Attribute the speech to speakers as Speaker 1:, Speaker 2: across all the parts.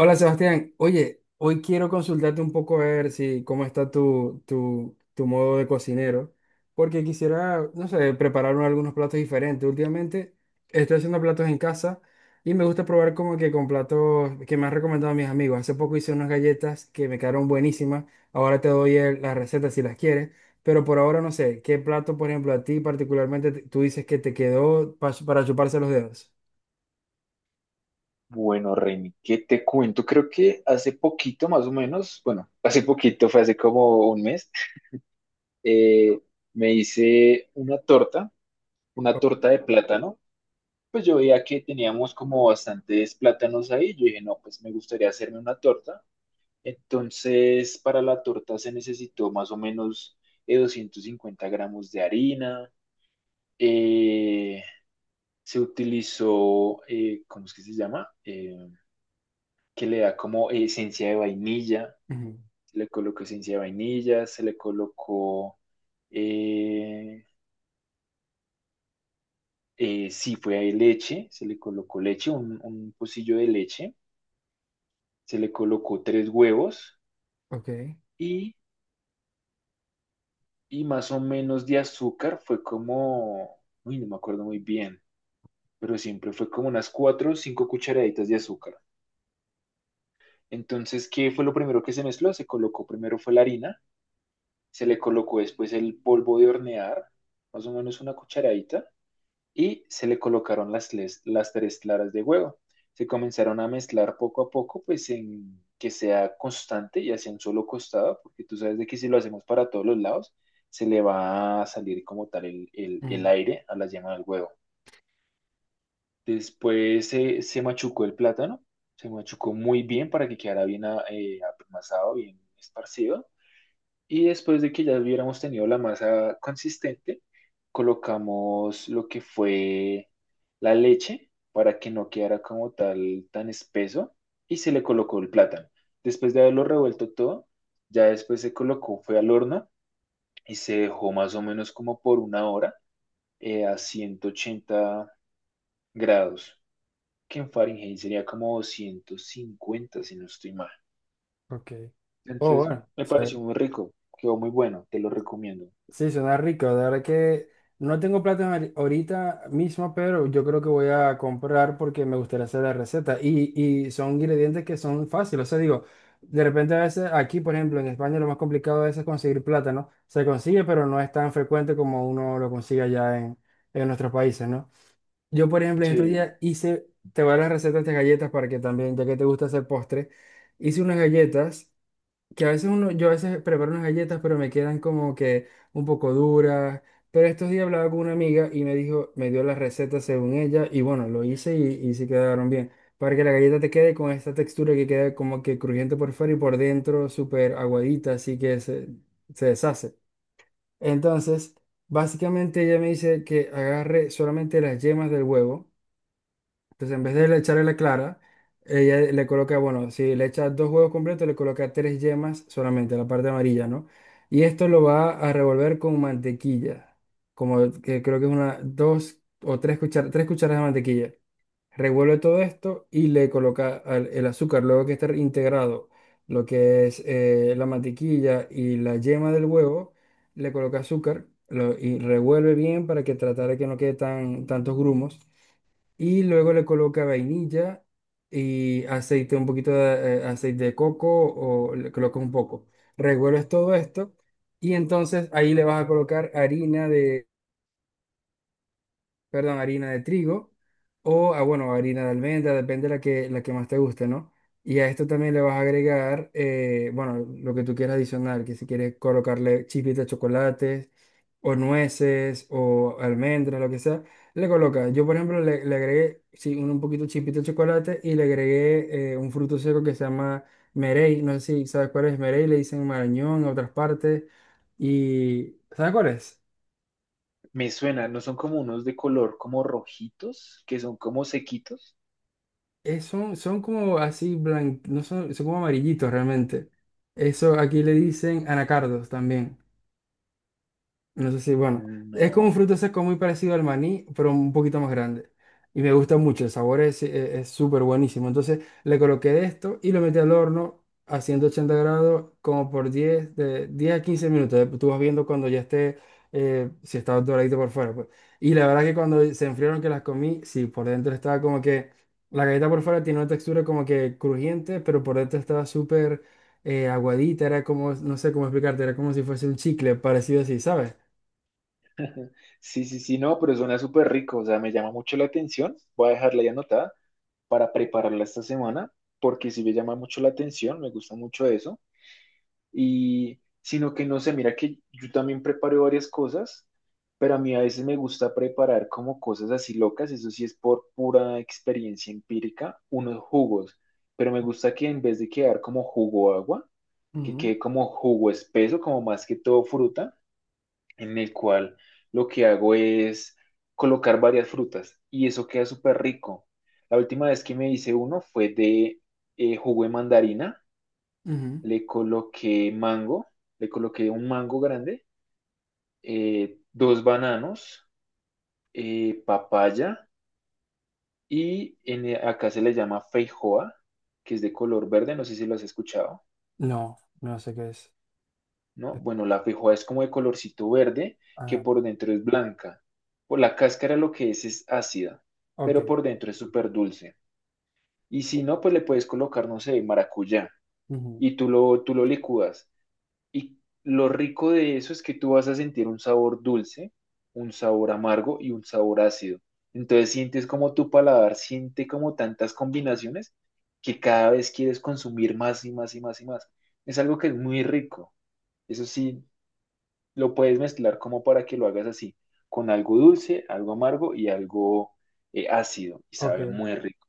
Speaker 1: Hola Sebastián, oye, hoy quiero consultarte un poco a ver si cómo está tu modo de cocinero, porque quisiera, no sé, preparar algunos platos diferentes. Últimamente estoy haciendo platos en casa y me gusta probar como que con platos que me han recomendado mis amigos. Hace poco hice unas galletas que me quedaron buenísimas. Ahora te doy las recetas si las quieres, pero por ahora no sé, ¿qué plato, por ejemplo, a ti particularmente tú dices que te quedó para chuparse los dedos?
Speaker 2: Bueno, Reni, ¿qué te cuento? Creo que hace poquito, más o menos, hace poquito, fue hace como un mes. eh, Me hice una
Speaker 1: Ok.
Speaker 2: torta de plátano. Pues yo veía que teníamos como bastantes plátanos ahí. Yo dije, no, pues me gustaría hacerme una torta. Entonces, para la torta se necesitó más o menos 250 gramos de harina. eh, Se utilizó, ¿cómo es que se llama? Que le da como esencia de vainilla.
Speaker 1: Ujú,
Speaker 2: Se le colocó esencia de vainilla, se le colocó, eh, sí, fue ahí leche, se le colocó leche, un pocillo de leche, se le colocó tres huevos,
Speaker 1: ok.
Speaker 2: y, y más o menos de azúcar fue como, uy, no me acuerdo muy bien, pero siempre fue como unas cuatro o cinco cucharaditas de azúcar. Entonces, ¿qué fue lo primero que se mezcló? Se colocó primero fue la harina, se le colocó después el polvo de hornear, más o menos una cucharadita, y se le colocaron las tres claras de huevo. Se comenzaron a mezclar poco a poco, pues en que sea constante y hacia un solo costado, porque tú sabes de que si lo hacemos para todos los lados, se le va a salir como tal el aire a la yema del huevo. Después se machucó el plátano, se machucó muy bien para que quedara bien apelmazado, bien esparcido. Y después de que ya hubiéramos tenido la masa consistente, colocamos lo que fue la leche para que no quedara como tal tan espeso, y se le colocó el plátano. Después de haberlo revuelto todo, ya después se colocó, fue al horno y se dejó más o menos como por una hora a 180 grados, que en Fahrenheit sería como 150 si no estoy mal.
Speaker 1: Ok. Oh,
Speaker 2: Entonces,
Speaker 1: bueno.
Speaker 2: me
Speaker 1: o
Speaker 2: pareció muy rico, quedó muy bueno, te lo recomiendo.
Speaker 1: Sí, suena rico. De verdad que no tengo plátano ahorita mismo, pero yo creo que voy a comprar porque me gustaría hacer la receta. Y son ingredientes que son fáciles. O sea, digo, de repente a veces aquí, por ejemplo, en España lo más complicado a veces es conseguir plátano. Se consigue, pero no es tan frecuente como uno lo consigue allá en nuestros países, ¿no? Yo, por ejemplo, en estos
Speaker 2: Sí.
Speaker 1: días hice, te voy a dar la receta de estas galletas para que también, ya que te gusta hacer postre, hice unas galletas. Que a veces uno, yo a veces preparo unas galletas, pero me quedan como que un poco duras. Pero estos días hablaba con una amiga y me dijo, me dio la receta según ella, y bueno, lo hice y sí quedaron bien. Para que la galleta te quede con esta textura que queda como que crujiente por fuera y por dentro súper aguadita, así que se deshace. Entonces, básicamente ella me dice que agarre solamente las yemas del huevo entonces, en vez de le echarle la clara, ella le coloca, bueno, si le echa dos huevos completos, le coloca tres yemas solamente, la parte amarilla, ¿no? Y esto lo va a revolver con mantequilla, como que creo que es una, dos o tres cucharadas de mantequilla. Revuelve todo esto y le coloca el azúcar, luego que esté integrado lo que es la mantequilla y la yema del huevo, le coloca azúcar y revuelve bien para que tratar de que no quede tantos grumos y luego le coloca vainilla y aceite, un poquito de aceite de coco o le colocas un poco. Revuelves todo esto y entonces ahí le vas a colocar harina, perdón, harina de trigo o, ah, bueno, harina de almendra, depende la que más te guste, ¿no? Y a esto también le vas a agregar, bueno, lo que tú quieras adicionar, que si quieres colocarle chispitas de chocolate o nueces o almendras, lo que sea, le colocas. Yo, por ejemplo, le agregué, sí, un poquito chispita de chocolate y le agregué un fruto seco que se llama merey, no sé si sabes cuál es merey, le dicen marañón en otras partes y ¿sabes cuál es?
Speaker 2: Me suena, ¿no son como unos de color como rojitos, que son como sequitos?
Speaker 1: Son como así blancos, no son, son como amarillitos realmente. Eso aquí le dicen anacardos también. No sé si, bueno, es como un
Speaker 2: No.
Speaker 1: fruto seco muy parecido al maní, pero un poquito más grande. Y me gusta mucho, el sabor es súper buenísimo. Entonces le coloqué esto y lo metí al horno a 180 grados como por 10 de 10 a 15 minutos. Tú vas viendo cuando ya esté, si está doradito por fuera, pues. Y la verdad que cuando se enfriaron que las comí, sí, por dentro estaba como que, la galleta por fuera tiene una textura como que crujiente, pero por dentro estaba súper aguadita, era como, no sé cómo explicarte, era como si fuese un chicle parecido así, ¿sabes?
Speaker 2: Sí, sí, sí, no, pero suena súper rico, o sea, me llama mucho la atención. Voy a dejarla ya anotada para prepararla esta semana, porque sí me llama mucho la atención, me gusta mucho eso. Y sino que no sé, mira que yo también preparo varias cosas, pero a mí a veces me gusta preparar como cosas así locas, eso sí es por pura experiencia empírica, unos jugos, pero me gusta que en vez de quedar como jugo agua, que
Speaker 1: Ujú,
Speaker 2: quede como jugo espeso, como más que todo fruta, en el cual lo que hago es colocar varias frutas y eso queda súper rico. La última vez que me hice uno fue de jugo de mandarina,
Speaker 1: ujú.
Speaker 2: le coloqué mango, le coloqué un mango grande, dos bananos, papaya y acá se le llama feijoa, que es de color verde, no sé si lo has escuchado.
Speaker 1: No, no sé qué es.
Speaker 2: ¿No?
Speaker 1: Eh,
Speaker 2: Bueno, la feijoa es como de colorcito verde, que
Speaker 1: Ajá,
Speaker 2: por dentro es blanca. Por la cáscara lo que es ácida, pero
Speaker 1: ok.
Speaker 2: por dentro es súper dulce. Y si no, pues le puedes colocar, no sé, maracuyá,
Speaker 1: Ujú,
Speaker 2: y tú lo licúas. Y lo rico de eso es que tú vas a sentir un sabor dulce, un sabor amargo y un sabor ácido. Entonces sientes como tu paladar siente como tantas combinaciones que cada vez quieres consumir más y más y más y más. Es algo que es muy rico. Eso sí, lo puedes mezclar como para que lo hagas así, con algo dulce, algo amargo y algo ácido, y sabe
Speaker 1: ok.
Speaker 2: muy rico.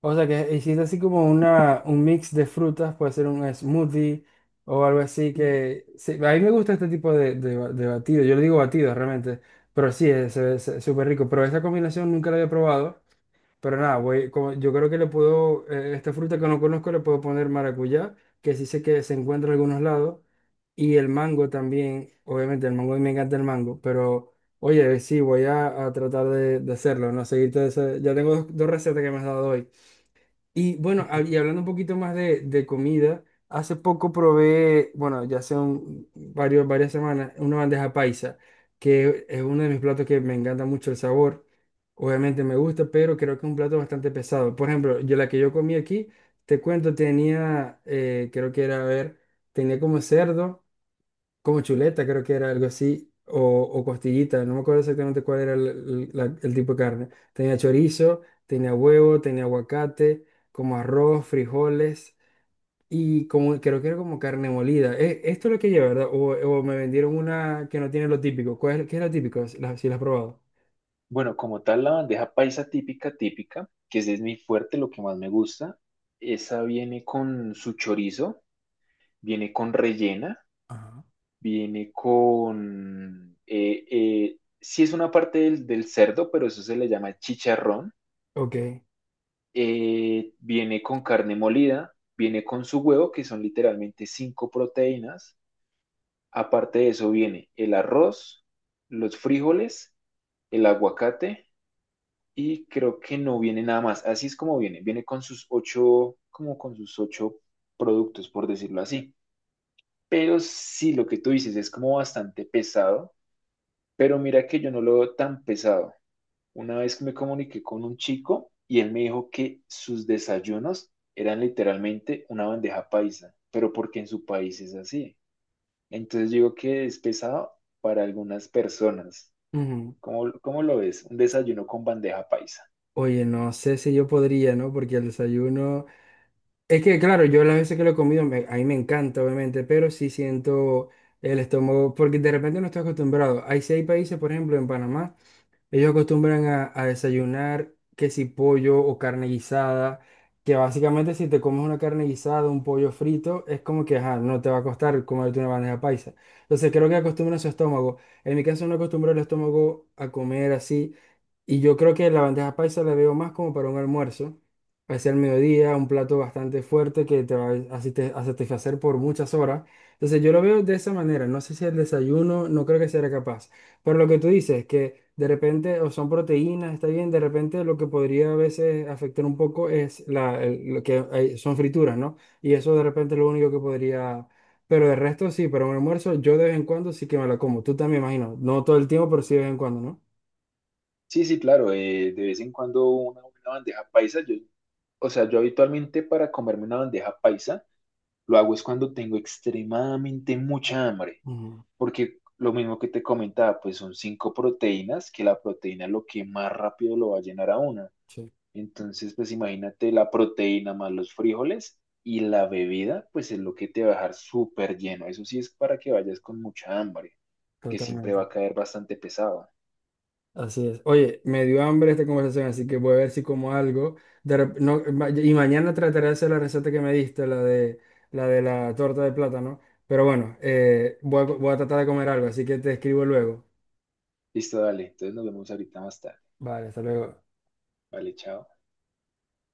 Speaker 1: O sea que hiciste así como un mix de frutas, puede ser un smoothie o algo así
Speaker 2: Mm.
Speaker 1: que... sí, a mí me gusta este tipo de batido, yo le digo batido realmente, pero sí, es súper rico, pero esta combinación nunca la había probado. Pero nada, voy, yo creo que le puedo, esta fruta que no conozco le puedo poner maracuyá, que sí sé que se encuentra en algunos lados, y el mango también, obviamente el mango, me encanta el mango, pero oye, sí, voy a tratar de hacerlo, ¿no? Seguirte, ya tengo dos recetas que me has dado hoy. Y bueno,
Speaker 2: Ujú.
Speaker 1: y hablando un poquito más de comida, hace poco probé, bueno, ya hace varias semanas, una bandeja paisa, que es uno de mis platos que me encanta mucho el sabor. Obviamente me gusta, pero creo que es un plato bastante pesado. Por ejemplo, yo la que yo comí aquí, te cuento, tenía, creo que era, a ver, tenía como cerdo como chuleta, creo que era algo así, o costillita, no me acuerdo exactamente cuál era el tipo de carne. Tenía chorizo, tenía huevo, tenía aguacate, como arroz, frijoles y como, creo que era como carne molida. Esto es lo que lleva, ¿verdad? O me vendieron una que no tiene lo típico. ¿Cuál es, qué es lo típico? Si la has probado.
Speaker 2: Bueno, como tal, la bandeja paisa típica, típica, que ese es mi fuerte, lo que más me gusta, esa viene con su chorizo, viene con rellena,
Speaker 1: Ajá.
Speaker 2: viene con... sí es una parte del cerdo, pero eso se le llama chicharrón,
Speaker 1: Ok.
Speaker 2: viene con carne molida, viene con su huevo, que son literalmente 5 proteínas. Aparte de eso viene el arroz, los frijoles, el aguacate, y creo que no viene nada más. Así es como viene. Viene con sus 8, como con sus 8 productos, por decirlo así. Pero sí, lo que tú dices es como bastante pesado, pero mira que yo no lo veo tan pesado. Una vez que me comuniqué con un chico y él me dijo que sus desayunos eran literalmente una bandeja paisa, pero porque en su país es así. Entonces digo que es pesado para algunas personas.
Speaker 1: Ujú.
Speaker 2: ¿Cómo, cómo lo ves? Un desayuno con bandeja paisa.
Speaker 1: Oye, no sé si yo podría, ¿no? Porque el desayuno... Es que, claro, yo las veces que lo he comido, a mí me encanta, obviamente, pero sí siento el estómago, porque de repente no estoy acostumbrado. Hay seis países, por ejemplo, en Panamá. Ellos acostumbran a desayunar que si pollo o carne guisada, que básicamente si te comes una carne guisada, un pollo frito, es como que ajá, no te va a costar comerte una bandeja paisa. Entonces creo que acostumbran su estómago. En mi caso no acostumbro el estómago a comer así. Y yo creo que la bandeja paisa la veo más como para un almuerzo, hacia el mediodía, un plato bastante fuerte que te va a a satisfacer por muchas horas. Entonces yo lo veo de esa manera. No sé si el desayuno, no creo que sea capaz. Pero lo que tú dices, que de repente o son proteínas, está bien, de repente lo que podría a veces afectar un poco es la, son frituras, ¿no? Y eso de repente es lo único que podría... Pero de resto sí, pero un almuerzo yo de vez en cuando sí que me la como. Tú también, imagino. No todo el tiempo, pero sí de vez en cuando, ¿no?
Speaker 2: Sí, sí, claro, de vez en cuando una buena bandeja paisa. O sea, yo habitualmente para comerme una bandeja paisa lo hago es cuando tengo extremadamente mucha hambre,
Speaker 1: Ujú,
Speaker 2: porque lo mismo que te comentaba, pues son 5 proteínas, que la proteína es lo que más rápido lo va a llenar a uno.
Speaker 1: sí,
Speaker 2: Entonces, pues imagínate la proteína más los frijoles y la bebida, pues es lo que te va a dejar súper lleno. Eso sí es para que vayas con mucha hambre, que siempre va
Speaker 1: totalmente.
Speaker 2: a caer bastante pesado.
Speaker 1: Así es. Oye, me dio hambre esta conversación, así que voy a ver si como algo. No, y mañana trataré de hacer la receta que me diste, la de la torta de plátano. Pero bueno, voy a tratar de comer algo, así que te escribo luego.
Speaker 2: Listo, dale. Entonces nos vemos ahorita más tarde.
Speaker 1: Vale, hasta luego.
Speaker 2: Vale, chao.